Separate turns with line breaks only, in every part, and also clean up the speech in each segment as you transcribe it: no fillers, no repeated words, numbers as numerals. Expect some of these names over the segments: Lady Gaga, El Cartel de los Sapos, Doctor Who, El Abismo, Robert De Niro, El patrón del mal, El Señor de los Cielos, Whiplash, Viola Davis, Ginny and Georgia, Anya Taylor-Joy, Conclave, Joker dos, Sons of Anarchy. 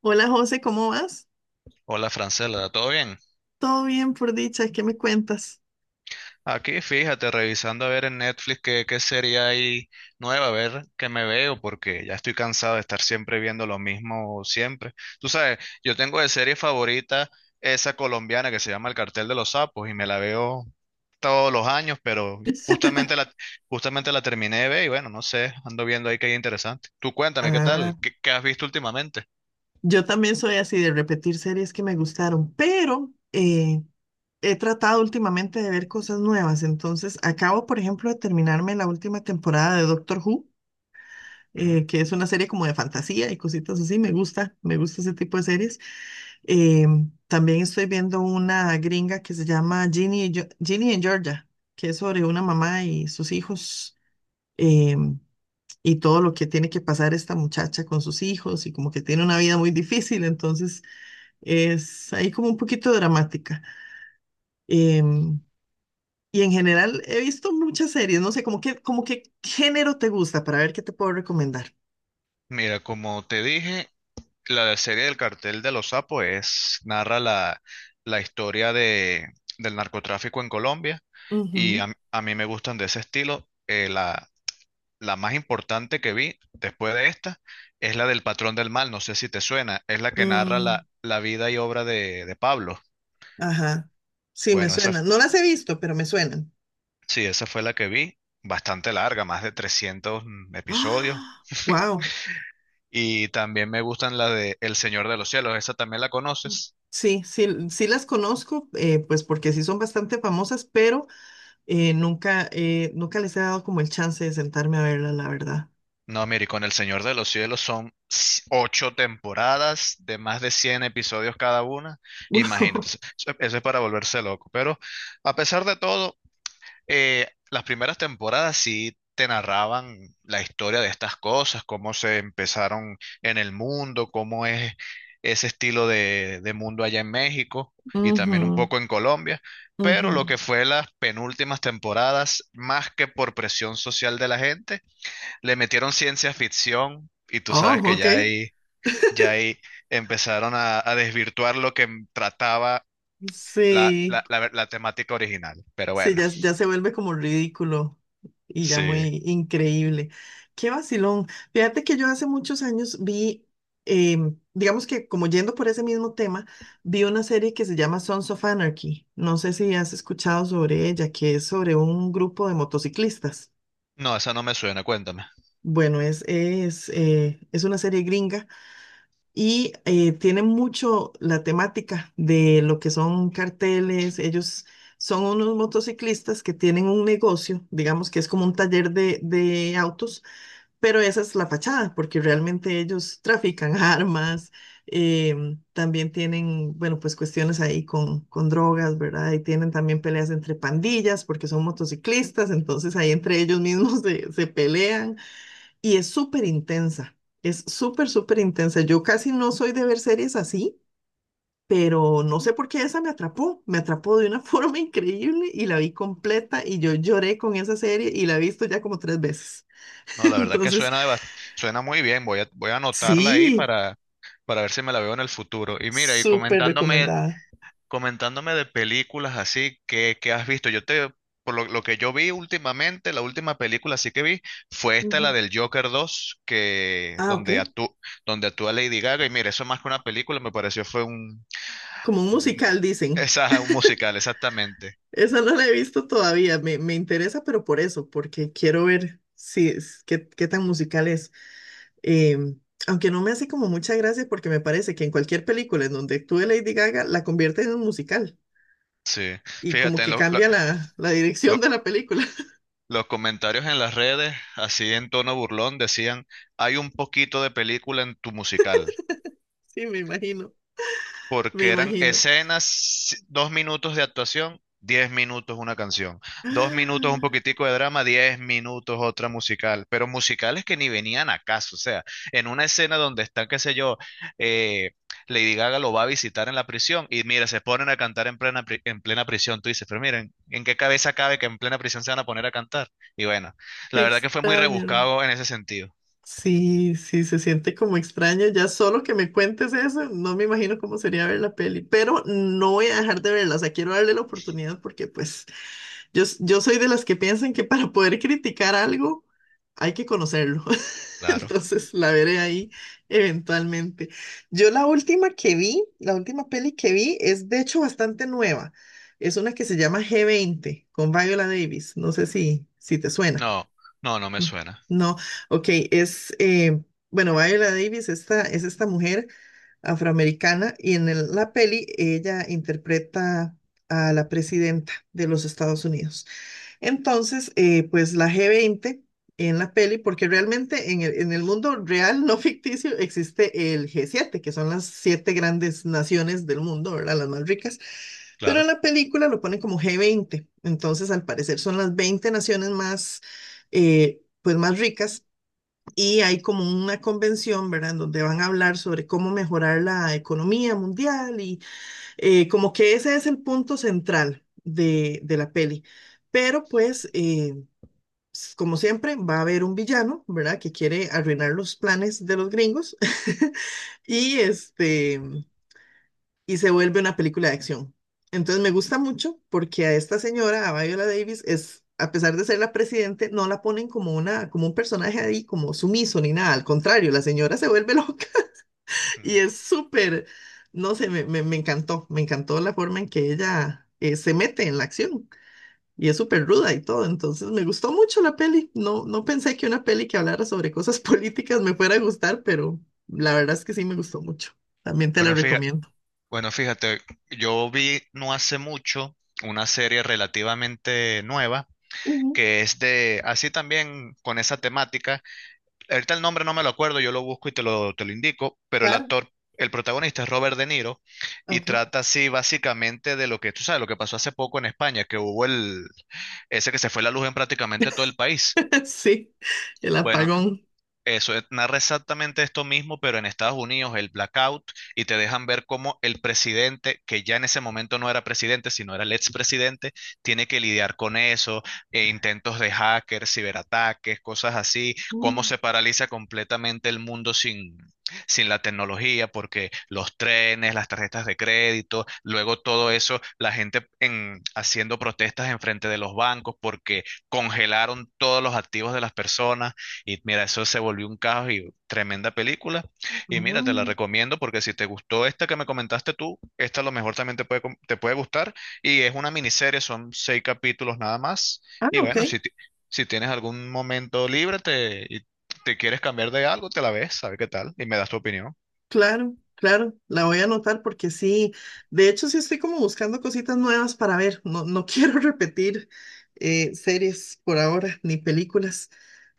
Hola José, ¿cómo vas?
Hola Francela, ¿todo bien?
Todo bien por dicha, ¿qué me cuentas?
Aquí fíjate, revisando a ver en Netflix qué serie hay nueva, a ver qué me veo, porque ya estoy cansado de estar siempre viendo lo mismo siempre. Tú sabes, yo tengo de serie favorita esa colombiana que se llama El Cartel de los Sapos y me la veo todos los años, pero justamente la terminé de ver y bueno, no sé, ando viendo ahí que hay interesante. Tú cuéntame, ¿qué
Ah,
tal? ¿Qué has visto últimamente?
Yo también soy así de repetir series que me gustaron, pero he tratado últimamente de ver cosas nuevas. Entonces, acabo, por ejemplo, de terminarme la última temporada de Doctor Who,
Ujú.
que es una serie como de fantasía y cositas así. Me gusta ese tipo de series. Eh, también estoy viendo una gringa que se llama Ginny en Georgia, que es sobre una mamá y sus hijos. Eh, y todo lo que tiene que pasar esta muchacha con sus hijos y como que tiene una vida muy difícil, entonces es ahí como un poquito dramática. Em, y en general he visto muchas series, no sé, como que género te gusta para ver qué te puedo recomendar.
Mira, como te dije, la serie del cartel de los sapos narra la historia del narcotráfico en Colombia y
Ujú.
a mí me gustan de ese estilo. La más importante que vi después de esta es la del patrón del mal, no sé si te suena, es la que narra
Mm,
la vida y obra de Pablo.
ajá, sí, me
Bueno, esa,
suenan. No las he visto, pero me suenan.
sí, esa fue la que vi, bastante larga, más de 300 episodios.
¡Ah! Wow.
Y también me gustan la de El Señor de los Cielos, esa también la conoces.
Sí, sí, sí las conozco, pues porque sí son bastante famosas, pero nunca les he dado como el chance de sentarme a verlas, la verdad.
No, mire, y con El Señor de los Cielos son ocho temporadas de más de 100 episodios cada una. Imagínate,
Ujú,
eso es para volverse loco. Pero a pesar de todo, las primeras temporadas sí te narraban la historia de estas cosas, cómo se empezaron en el mundo, cómo es ese estilo de mundo allá en México y también un poco en Colombia. Pero lo
ujú.
que fue las penúltimas temporadas, más que por presión social de la gente, le metieron ciencia ficción y tú sabes
Oh,
que
ok.
ya ahí empezaron a desvirtuar lo que trataba la,
Sí,
la, la- la temática original. Pero
sí,
bueno,
ya, ya se vuelve como ridículo y ya
sí.
muy increíble. Qué vacilón. Fíjate que yo hace muchos años vi, digamos que como yendo por ese mismo tema, vi una serie que se llama Sons of Anarchy. No sé si has escuchado sobre ella, que es sobre un grupo de motociclistas.
No, esa no me suena, cuéntame.
Bueno, es una serie gringa. Y tienen mucho la temática de lo que son carteles. Ellos son unos motociclistas que tienen un negocio, digamos que es como un taller de autos, pero esa es la fachada, porque realmente ellos trafican armas, también tienen, bueno, pues cuestiones ahí con drogas, ¿verdad? Y tienen también peleas entre pandillas, porque son motociclistas, entonces ahí entre ellos mismos se pelean. Y es súper intensa, es súper, súper intensa. Yo casi no soy de ver series así, pero no sé por qué esa me atrapó de una forma increíble y la vi completa y yo lloré con esa serie y la he visto ya como tres veces.
No, la verdad que
Entonces,
suena, suena muy bien. Voy a anotarla ahí
sí,
para ver si me la veo en el futuro. Y mira,
súper recomendada.
comentándome de películas así que has visto. Por lo que yo vi últimamente, la última película así que vi fue esta, la
Ujú.
del Joker dos
Ah, ok.
donde actúa Lady Gaga. Y mira, eso más que una película me pareció fue
Como un
un-
musical, dicen.
un musical, exactamente.
Esa no la he visto todavía, me interesa, pero por eso, porque quiero ver si es, qué tan musical es. Em, aunque no me hace como mucha gracia porque me parece que en cualquier película en donde actúe Lady Gaga la convierte en un musical
Sí.
y como
Fíjate, en
que cambia la, la dirección
lo-
de la película.
los comentarios en las redes, así en tono burlón, decían, hay un poquito de película en tu musical.
Sí, me imagino, me
Porque eran
imagino.
escenas, si, 2 minutos de actuación, 10 minutos una canción, 2 minutos un
¡Ah!
poquitico de drama, 10 minutos otra musical, pero musicales que ni venían a caso, o sea, en una escena donde están, qué sé yo, eh, Lady Gaga lo va a visitar en la prisión y mira, se ponen a cantar en plena prisión, tú dices, pero miren, ¿en qué cabeza cabe que en plena prisión se van a poner a cantar? Y bueno,
Qué
la verdad que fue muy
extraño.
rebuscado en ese sentido,
Sí, sí, se siente como extraño. Ya solo que me cuentes eso, no me imagino cómo sería ver la peli, pero no voy a dejar de verla. O sea, quiero darle la oportunidad porque pues yo, yo soy de las que piensan que para poder criticar algo hay que conocerlo.
claro.
Entonces la veré ahí eventualmente. Yo la última que vi, la última peli que vi es de hecho bastante nueva. Es una que se llama g veinte con Viola Davis. No sé si, si te suena.
No, no, no me
Mm,
suena,
No, ok, es, eh, bueno, Viola Davis esta, es esta mujer afroamericana y en la peli ella interpreta a la presidenta de los Estados Unidos. Entonces, pues la G20 en la peli, porque realmente en el mundo real, no ficticio, existe el G7, que son las siete grandes naciones del mundo, ¿verdad? Las más ricas. Pero en
claro.
la película lo ponen como G20. Entonces, al parecer, son las 20 naciones más, pues más ricas y hay como una convención, ¿verdad?, en donde van a hablar sobre cómo mejorar la economía mundial y como que ese es el punto central de la peli. Pero pues, como siempre, va a haber un villano, ¿verdad?, que quiere arruinar los planes de los gringos y este y se vuelve una película de acción. Entonces me gusta mucho porque a esta señora, a Viola Davis, es, a pesar de ser la presidente, no la ponen como una, como un personaje ahí, como sumiso ni nada. Al contrario, la señora se vuelve loca y
Ujú.
es súper, no sé, me encantó la forma en que ella se mete en la acción y es súper ruda y todo. Entonces me gustó mucho la peli. No, no pensé que una peli que hablara sobre cosas políticas me fuera a gustar, pero la verdad es que sí me gustó mucho. También te la
Bueno, fíjate.
recomiendo.
Bueno, fíjate, yo vi no hace mucho una serie relativamente nueva
Ujú,
que es de, así también con esa temática. Ahorita el nombre no me lo acuerdo, yo lo busco y te lo indico, pero
claro.
el protagonista es Robert De Niro y
Ok.
trata así básicamente de lo que, tú sabes, lo que pasó hace poco en España, que hubo ese que se fue la luz en prácticamente todo el país.
Sí, el
Bueno,
apagón.
eso narra exactamente esto mismo, pero en Estados Unidos, el blackout, y te dejan ver cómo el presidente, que ya en ese momento no era presidente, sino era el expresidente, tiene que lidiar con eso, e intentos de hackers, ciberataques, cosas así, cómo
Mm,
se paraliza completamente el mundo sin la tecnología, porque los trenes, las tarjetas de crédito, luego todo eso, la gente haciendo protestas enfrente de los bancos porque congelaron todos los activos de las personas y mira, eso se volvió un caos y tremenda película. Y mira, te la
Ah,
recomiendo porque si te gustó esta que me comentaste tú, esta a lo mejor también te puede gustar. Y es una miniserie, son seis capítulos nada más.
ah,
Y
ok.
bueno, si tienes algún momento libre y te quieres cambiar de algo, te la ves, a ver qué tal, y me das tu opinión.
Claro, claro. La voy a anotar porque sí. De hecho, sí estoy como buscando cositas nuevas para ver. No, no quiero repetir series por ahora, ni películas.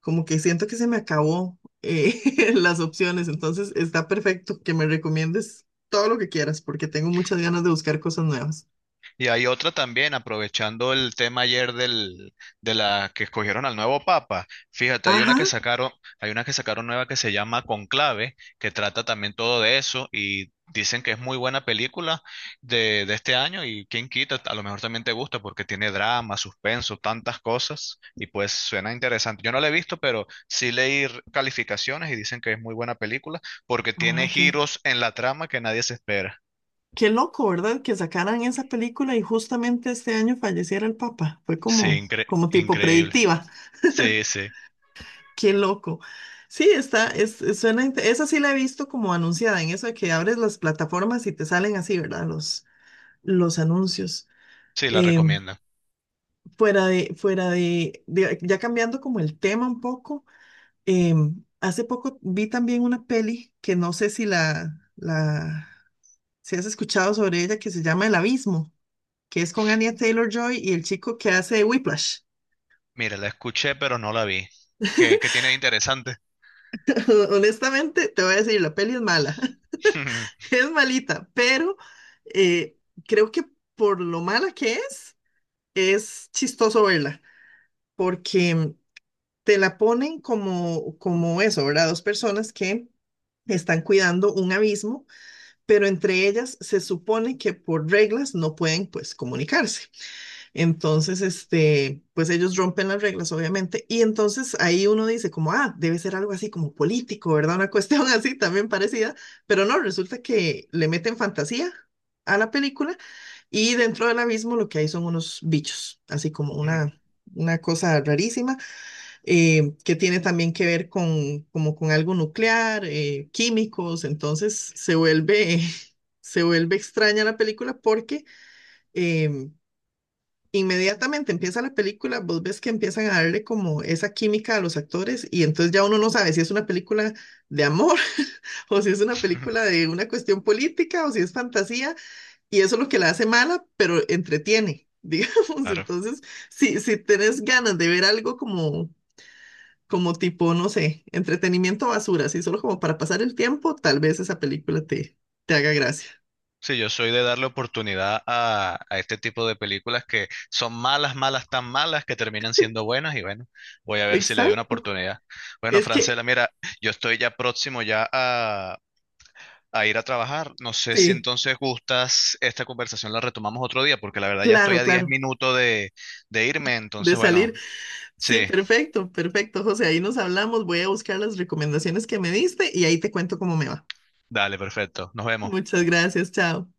Como que siento que se me acabó las opciones. Entonces, está perfecto que me recomiendes todo lo que quieras porque tengo muchas ganas de buscar cosas nuevas.
Y hay otra también, aprovechando el tema ayer de la que escogieron al nuevo papa. Fíjate,
Ajá.
hay una que sacaron nueva que se llama Conclave, que trata también todo de eso y dicen que es muy buena película de este año y quién quita, a lo mejor también te gusta porque tiene drama, suspenso, tantas cosas y pues suena interesante. Yo no la he visto, pero sí leí calificaciones y dicen que es muy buena película porque
Ah,
tiene
ok.
giros en la trama que nadie se espera.
Qué loco, ¿verdad? Que sacaran esa película y justamente este año falleciera el Papa. Fue
Sí,
como, como tipo
increíble.
predictiva.
Sí, sí.
Qué loco. Sí, está, suena, esa sí la he visto como anunciada, en eso de que abres las plataformas y te salen así, ¿verdad? Los anuncios.
Sí, la
Eh,
recomienda.
fuera de, ya cambiando como el tema un poco, eh, hace poco vi también una peli que no sé si si has escuchado sobre ella, que se llama El Abismo, que es con Anya Taylor-Joy y el chico que hace Whiplash.
Mira, la escuché, pero no la vi. ¿Qué tiene de interesante?
Honestamente, te voy a decir, la peli es mala, es malita, pero eh, creo que por lo mala que es chistoso verla, porque te la ponen como, como eso, ¿verdad? Dos personas que están cuidando un abismo pero entre ellas se supone que por reglas no pueden pues comunicarse. Entonces, este, pues ellos rompen las reglas, obviamente, y entonces ahí uno dice como, ah, debe ser algo así como político, ¿verdad? Una cuestión así también parecida, pero no, resulta que le meten fantasía a la película y dentro del abismo lo que hay son unos bichos, así como una cosa rarísima que tiene también que ver con, como con algo nuclear, químicos, entonces se vuelve, se vuelve extraña la película porque eh, inmediatamente empieza la película, vos ves que empiezan a darle como esa química a los actores y entonces ya uno no sabe si es una película de amor o si es una película de una cuestión política o si es fantasía y eso es lo que la hace mala, pero entretiene. Digamos,
Claro.
entonces, si, si tenés ganas de ver algo como como tipo, no sé, entretenimiento basura, así solo como para pasar el tiempo, tal vez esa película te haga gracia.
Sí, yo soy de darle oportunidad a este tipo de películas que son malas, malas, tan malas que terminan siendo buenas y bueno, voy a ver si le doy una
Exacto.
oportunidad. Bueno,
Es que,
Francela, mira, yo estoy ya próximo ya a ir a trabajar. No sé si
sí,
entonces gustas esta conversación la retomamos otro día porque la verdad ya estoy
claro,
a 10
claro.
minutos de irme,
De
entonces bueno,
salir. Sí,
sí,
perfecto, perfecto, José. Ahí nos hablamos. Voy a buscar las recomendaciones que me diste y ahí te cuento cómo me va.
dale, perfecto. Nos vemos.
Muchas gracias, chao.